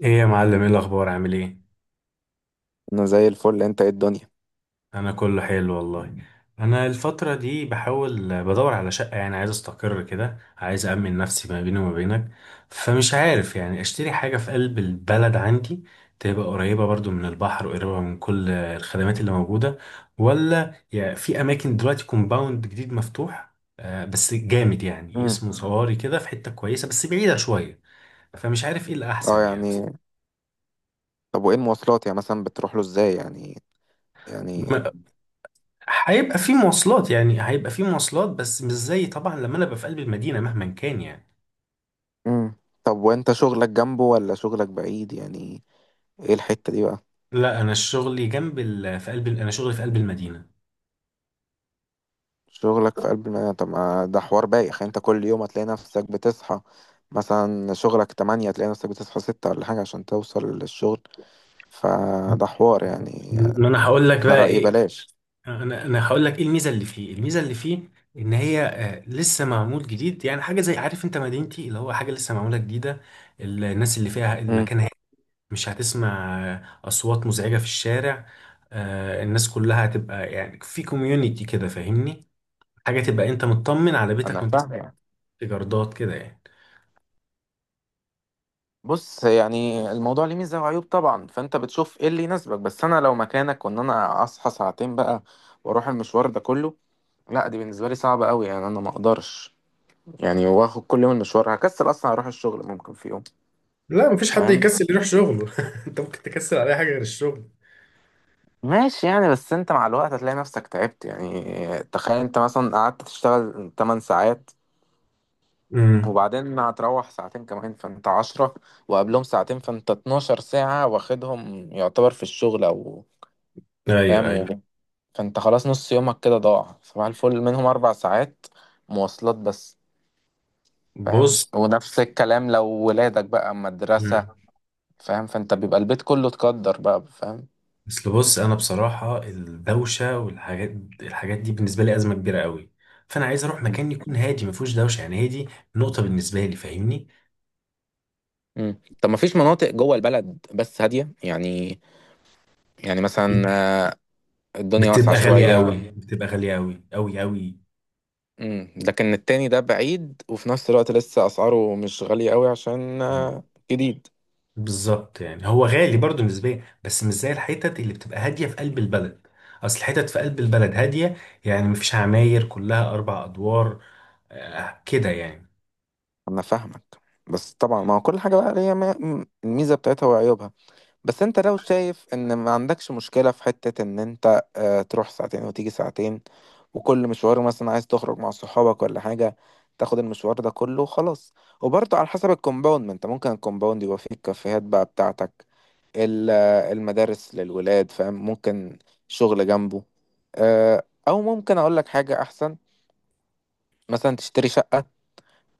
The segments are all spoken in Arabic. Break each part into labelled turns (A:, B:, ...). A: ايه يا معلم، ايه الاخبار، عامل ايه؟
B: انا زي الفل، انت ايه الدنيا؟
A: انا كله حلو والله. انا الفتره دي بحاول بدور على شقه، يعني عايز استقر كده، عايز امن نفسي ما بيني وما بينك. فمش عارف يعني، اشتري حاجه في قلب البلد عندي، تبقى قريبه برضو من البحر وقريبه من كل الخدمات اللي موجوده، ولا يعني في اماكن دلوقتي كومباوند جديد مفتوح، بس جامد يعني،
B: امم
A: اسمه صواري، كده في حته كويسه بس بعيده شويه. فمش عارف ايه
B: اه
A: الاحسن يعني.
B: يعني طب وايه المواصلات، يعني مثلا بتروح له ازاي يعني؟ يعني
A: هيبقى في مواصلات، يعني هيبقى في مواصلات، بس مش زي طبعا لما انا ابقى في قلب المدينه، مهما كان يعني.
B: امم طب وانت شغلك جنبه ولا شغلك بعيد يعني؟ ايه الحتة دي بقى؟
A: لا، انا شغلي في قلب المدينه.
B: شغلك في قلب المدينة. طب ما ده حوار بايخ يعني. انت كل يوم هتلاقي نفسك بتصحى، مثلا شغلك تمانية، هتلاقي نفسك بتصحى ستة ولا حاجة عشان توصل للشغل. فده حوار يعني.
A: ما انا هقول لك
B: انا
A: بقى
B: رأيي
A: ايه.
B: بلاش.
A: انا هقول لك ايه الميزه اللي فيه، الميزه اللي فيه، ان هي لسه معمول جديد، يعني حاجه زي، عارف انت مدينتي اللي هو حاجه لسه معموله جديده. الناس اللي فيها،
B: امم
A: المكان هادي. مش هتسمع اصوات مزعجه في الشارع. الناس كلها هتبقى يعني في كوميونيتي كده، فاهمني، حاجة تبقى انت مطمن على بيتك
B: انا
A: وانت ساكن،
B: فاهم.
A: في جردات كده يعني.
B: بص، يعني الموضوع ليه ميزة وعيوب طبعا، فانت بتشوف ايه اللي يناسبك. بس انا لو مكانك، وان انا اصحى ساعتين بقى واروح المشوار ده كله، لا دي بالنسبة لي صعبة قوي يعني. انا ما اقدرش يعني واخد كل يوم المشوار، هكسل اصلا اروح الشغل ممكن في يوم.
A: لا مفيش حد
B: فاهم؟
A: يكسل يروح شغله انت ممكن تكسل على اي حاجه غير الشغل.
B: ماشي يعني، بس انت مع الوقت هتلاقي نفسك تعبت يعني. تخيل انت مثلا قعدت تشتغل 8 ساعات،
A: امم.
B: وبعدين هتروح ساعتين كمان فانت عشرة، وقبلهم ساعتين فانت 12 ساعة واخدهم يعتبر في الشغل او.
A: ايوه، ايوه.
B: فاهم؟ فانت خلاص نص يومك كده ضاع، صباح الفل منهم 4 ساعات مواصلات بس. فاهم؟
A: بص.
B: ونفس الكلام لو ولادك بقى أما
A: مم.
B: مدرسة. فاهم؟ فانت بيبقى البيت كله تقدر بقى. فاهم؟
A: اصل بص، انا بصراحة الدوشة والحاجات، الحاجات دي بالنسبة لي أزمة كبيرة قوي. فانا عايز اروح
B: مم.
A: مكان يكون هادي، ما فيهوش دوشة، يعني هادي نقطة بالنسبة لي، فاهمني.
B: مم. طب ما فيش مناطق جوه البلد بس هادية يعني؟ يعني مثلا، آه، الدنيا واسعة
A: بتبقى غالية
B: شوية.
A: قوي، بتبقى غالية قوي قوي قوي.
B: مم. لكن التاني ده بعيد، وفي نفس الوقت لسه اسعاره مش غالية قوي عشان جديد.
A: بالظبط، يعني هو غالي برضه نسبيا، بس مش زي الحتت اللي بتبقى هاديه في قلب البلد. اصل الحتت في قلب البلد هاديه، يعني مفيش عماير كلها 4 ادوار، كده يعني.
B: انا فاهمك. بس طبعا ما هو كل حاجة بقى ليها الميزة بتاعتها وعيوبها. بس انت لو شايف ان ما عندكش مشكلة في حتة ان انت تروح ساعتين وتيجي ساعتين، وكل مشوار مثلا عايز تخرج مع صحابك ولا حاجة تاخد المشوار ده كله وخلاص. وبرضه على حسب الكومباوند، ما انت ممكن الكومباوند يبقى فيه الكافيهات بقى بتاعتك، المدارس للولاد. فاهم؟ ممكن شغل جنبه. او ممكن اقول لك حاجة احسن، مثلا تشتري شقة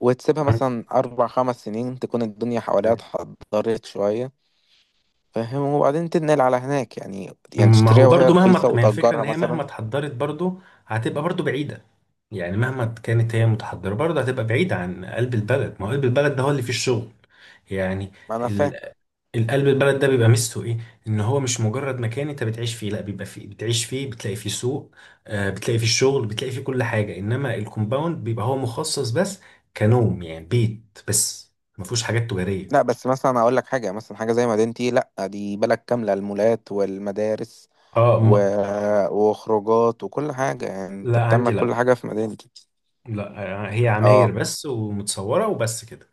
B: وتسيبها مثلا اربع خمس سنين، تكون الدنيا حواليها اتحضرت شوية. فاهم؟ وبعدين تنقل على هناك يعني،
A: ما هو
B: تشتريها وهي
A: برضو،
B: رخيصة
A: مهما، ما هي الفكرة ان
B: وتأجرها
A: هي مهما
B: مثلا.
A: اتحضرت برضو، هتبقى برضو بعيدة. يعني مهما كانت هي متحضرة برضو هتبقى بعيدة عن قلب البلد، ما هو قلب البلد ده هو اللي فيه الشغل، يعني.
B: ما أنا فاهم.
A: ال- القلب البلد ده بيبقى ميزته ايه؟ ان هو مش مجرد مكان انت بتعيش فيه، لا، بيبقى فيه، بتعيش فيه، بتلاقي فيه سوق، بتلاقي فيه شغل، بتلاقي فيه كل حاجة، انما الكومباوند بيبقى هو مخصص بس كنوم، يعني بيت بس ما فيهوش حاجات تجارية.
B: لا بس مثلا أقول لك حاجة، مثلا حاجة زي مدينتي، لا دي بلد كاملة، المولات والمدارس
A: اه،
B: و...
A: ما.
B: وخروجات وكل حاجة، يعني أنت
A: لا،
B: بتعمل
A: عندي،
B: كل
A: لا.
B: حاجة في مدينتي.
A: لا، هي عماير
B: اه.
A: بس ومتصورة وبس كده.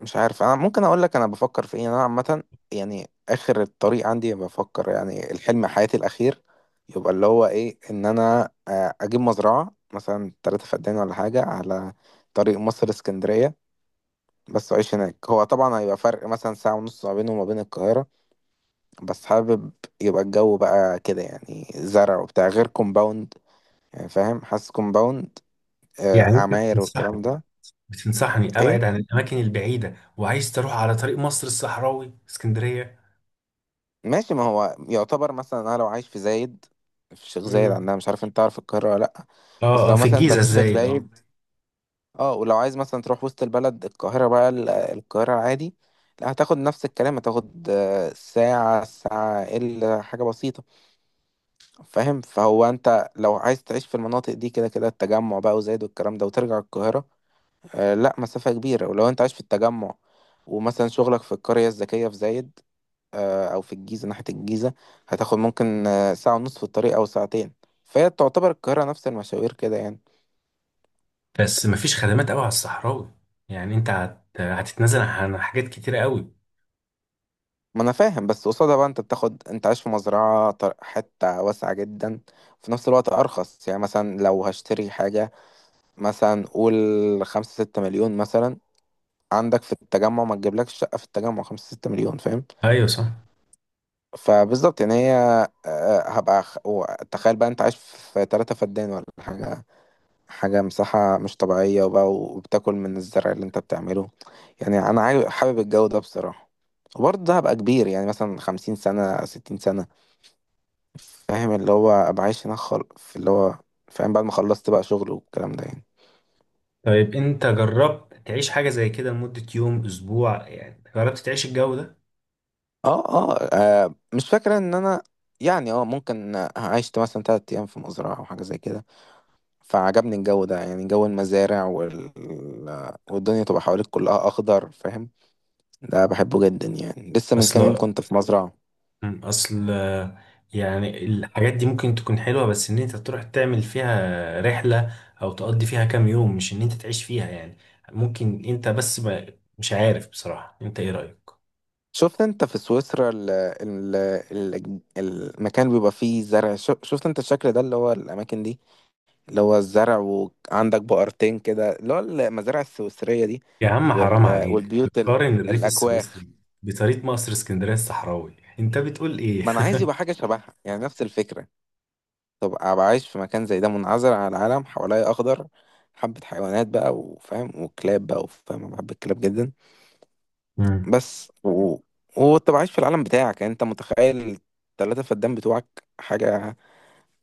B: مش عارف، انا ممكن اقول لك انا بفكر في ايه انا عامه. يعني اخر الطريق عندي بفكر، يعني الحلم حياتي الاخير يبقى اللي هو ايه، ان انا اجيب مزرعه مثلا 3 فدان ولا حاجه على طريق مصر اسكندريه، بس اعيش هناك. هو طبعا هيبقى فرق مثلا ساعه ونص ما بينه وما بين القاهره، بس حابب يبقى الجو بقى كده، يعني زرع وبتاع، غير كومباوند يعني. فاهم؟ حاسس كومباوند
A: يعني انت
B: عماير
A: بتنصحني،
B: والكلام ده.
A: بتنصحني
B: ايه؟
A: ابعد عن الاماكن البعيدة، وعايز تروح على طريق مصر الصحراوي اسكندرية؟
B: ماشي. ما هو يعتبر مثلا انا لو عايش في زايد، في الشيخ زايد
A: امم.
B: عندنا، مش عارف انت تعرف القاهرة ولا لا، بس
A: اه، اه،
B: لو
A: في
B: مثلا انت
A: الجيزة
B: في الشيخ
A: الزايد، اه.
B: زايد، اه، ولو عايز مثلا تروح وسط البلد القاهرة بقى، القاهرة عادي، لا هتاخد نفس الكلام، هتاخد ساعة ساعة إلا حاجة بسيطة. فاهم؟ فهو انت لو عايز تعيش في المناطق دي كده كده، التجمع بقى وزايد والكلام ده، وترجع القاهرة، لا مسافة كبيرة. ولو انت عايش في التجمع ومثلا شغلك في القرية الذكية في زايد، او في الجيزه ناحيه الجيزه، هتاخد ممكن ساعه ونص في الطريق او ساعتين. فهي تعتبر القاهره نفس المشاوير كده يعني.
A: بس مفيش خدمات قوي على الصحراوي. يعني انت هتتنازل عن حاجات كتيرة قوي.
B: ما انا فاهم، بس قصادها بقى انت بتاخد، انت عايش في مزرعه حته واسعه جدا، في نفس الوقت ارخص. يعني مثلا لو هشتري حاجه، مثلا قول خمسة ستة مليون مثلا، عندك في التجمع ما تجيبلكش شقه في التجمع خمسة ستة مليون. فاهم؟
A: ايوه، صح.
B: فبالظبط يعني هي آه، هبقى خ- و- تخيل بقى انت عايش في 3 فدان ولا حاجه، حاجة مساحة مش طبيعية، وبقى وبتاكل من الزرع اللي انت بتعمله. يعني انا حابب الجو ده بصراحة. وبرضه ده هبقى كبير، يعني مثلا 50 سنة 60 سنة. فاهم؟ اللي هو ابقى عايش هناك في اللي هو، فاهم؟ بعد ما خلصت بقى شغل والكلام ده يعني.
A: طيب انت جربت تعيش حاجة زي كده لمدة يوم، اسبوع، يعني جربت تعيش الجو ده؟
B: اه اه، مش فاكرة ان انا يعني، اه ممكن عشت مثلا 3 ايام في مزرعة او حاجة زي كده، فعجبني الجو ده يعني. جو المزارع والدنيا تبقى حواليك كلها اخضر. فاهم؟ ده بحبه جدا يعني. لسه من كام يوم
A: اصل
B: كنت في مزرعة.
A: اصل يعني الحاجات دي ممكن تكون حلوة، بس ان انت تروح تعمل فيها رحلة او تقضي فيها كام يوم، مش ان انت تعيش فيها يعني. ممكن انت بس ما، مش عارف بصراحة، انت ايه رأيك؟
B: شفت انت في سويسرا ال المكان بيبقى فيه زرع، شفت انت الشكل ده اللي هو الاماكن دي، اللي هو الزرع وعندك بقرتين كده، اللي هو المزارع السويسرية دي،
A: يا عم حرام عليك،
B: والبيوت
A: بتقارن الريف
B: الاكواخ.
A: السويسري بطريق مصر اسكندرية الصحراوي، انت بتقول ايه؟
B: ما انا عايز يبقى حاجة شبهها، يعني نفس الفكرة. طب ابقى عايش في مكان زي ده، منعزل عن العالم، حواليا اخضر، حبة حيوانات بقى وفاهم وكلاب بقى وفاهم، انا بحب الكلاب جدا.
A: مم.
B: بس و... وتبقى عايش في العالم بتاعك. يعني انت متخيل التلاتة فدان بتوعك؟ حاجة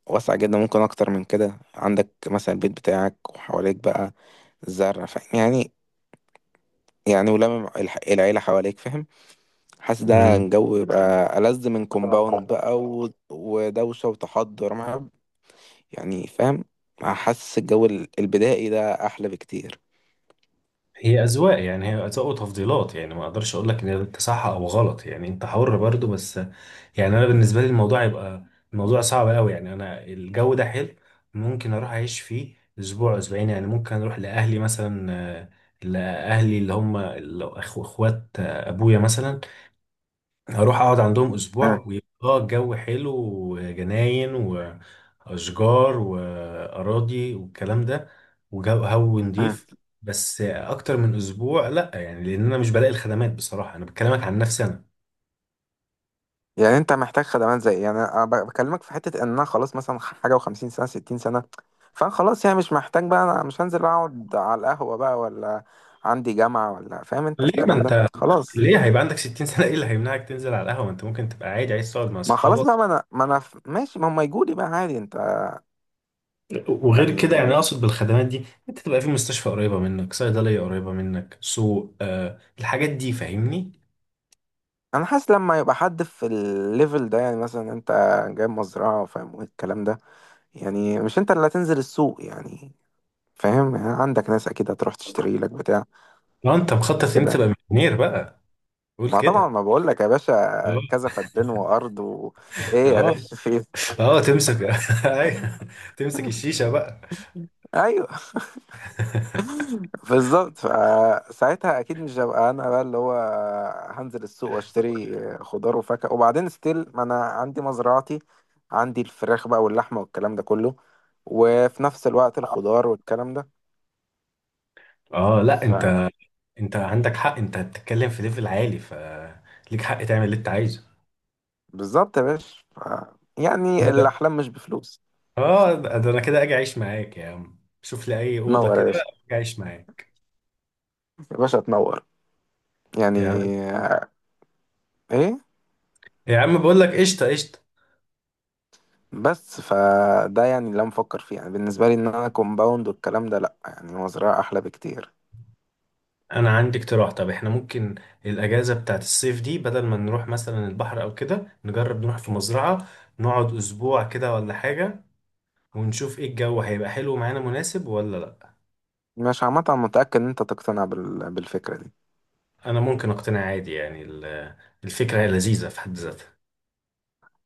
B: واسع جدا، ممكن اكتر من كده، عندك مثلا البيت بتاعك وحواليك بقى الزرع. فاهم يعني؟ ولما العيلة حواليك، فاهم؟ حاسس ده
A: مم.
B: الجو يبقى ألذ من كومباوند بقى ودوشة وتحضر مع، يعني فاهم؟ حاسس الجو البدائي ده أحلى بكتير.
A: هي أذواق، يعني هي أذواق وتفضيلات، يعني ما أقدرش أقول لك إن ده صح أو غلط، يعني أنت حر برضو، بس يعني انا بالنسبه لي الموضوع يبقى، الموضوع صعب قوي، يعني انا، الجو ده حلو، ممكن اروح اعيش فيه اسبوع، اسبوعين، يعني ممكن اروح لاهلي مثلا، آه، لاهلي اللي هم اخوات ابويا مثلا، اروح اقعد عندهم اسبوع، ويبقى الجو حلو، وجناين واشجار واراضي والكلام ده، وجو هو
B: اه،
A: نضيف. بس اكتر من اسبوع لا، يعني لان انا مش بلاقي الخدمات، بصراحه انا بكلمك عن نفسي انا.
B: يعني انت محتاج خدمات زي. يعني انا بكلمك في حته ان انا خلاص مثلا حاجه و50 سنه 60 سنه، فانا خلاص يعني مش محتاج بقى. انا مش هنزل اقعد على القهوه بقى ولا عندي جامعه ولا، فاهم انت
A: ليه ما
B: الكلام ده
A: انت،
B: خلاص.
A: ليه هيبقى عندك 60 سنة ايه اللي هيمنعك تنزل على القهوة، ما انت ممكن تبقى عادي عايز تقعد مع
B: ما خلاص
A: صحابك.
B: بقى ما انا ماشي، ما هم يجوا لي بقى عادي. انت
A: وغير كده
B: يعني.
A: يعني، اقصد بالخدمات دي، انت تبقى في مستشفى قريبة منك، صيدلية قريبة منك، سوق، الحاجات دي، فاهمني.
B: انا حاسس لما يبقى حد في الليفل ده، يعني مثلا انت جايب مزرعه، فاهم الكلام ده، يعني مش انت اللي هتنزل السوق يعني. فاهم؟ يعني عندك ناس اكيد هتروح تشتري لك بتاع
A: اه، انت مخطط ان انت
B: كده.
A: تبقى مليونير بقى؟ قول
B: ما طبعا،
A: كده.
B: ما بقول لك يا باشا،
A: اه،
B: كذا فدان وارض ايه يا
A: اه،
B: باشا في إيه؟
A: اه، تمسك أيوه. تمسك الشيشة بقى.
B: ايوه بالظبط. فساعتها اكيد مش هبقى انا بقى اللي هو هنزل السوق واشتري خضار وفاكهه، وبعدين ستيل. ما انا عندي مزرعتي، عندي الفراخ بقى واللحمه والكلام ده كله، وفي نفس الوقت الخضار والكلام ده.
A: اه، لا، انت، انت عندك حق، انت بتتكلم في ليفل عالي، ف ليك حق تعمل اللي انت عايزه.
B: فبالظبط يا باشا يعني
A: لا ده،
B: الاحلام مش بفلوس.
A: اه، ده انا كده اجي اعيش معاك يا عم، شوف لي اي اوضه
B: تنور يا
A: كده.
B: باشا.
A: اجي اعيش معاك.
B: يا باشا تنور. يعني،
A: يا عم.
B: ايه؟
A: يا عم، بقول لك قشطه قشطه.
B: بس فده يعني اللي انا بفكر فيه، يعني بالنسبه لي، ان انا كومباوند والكلام ده لا، يعني هو زراعه احلى بكتير.
A: انا عندي اقتراح، طب احنا ممكن الاجازه بتاعت الصيف دي بدل ما نروح مثلا البحر او كده، نجرب نروح في مزرعه، نقعد اسبوع كده ولا حاجه، ونشوف ايه، الجو هيبقى حلو معانا مناسب ولا لا؟
B: مش عامه، أنا متاكد ان انت تقتنع بالفكره دي.
A: انا ممكن اقتنع عادي، يعني الفكره هي لذيذه في حد ذاتها.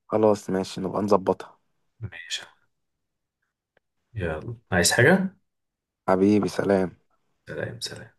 B: خلاص ماشي، نبقى نظبطها.
A: ماشي. يلا، عايز حاجه؟
B: حبيبي سلام.
A: سلام، سلام.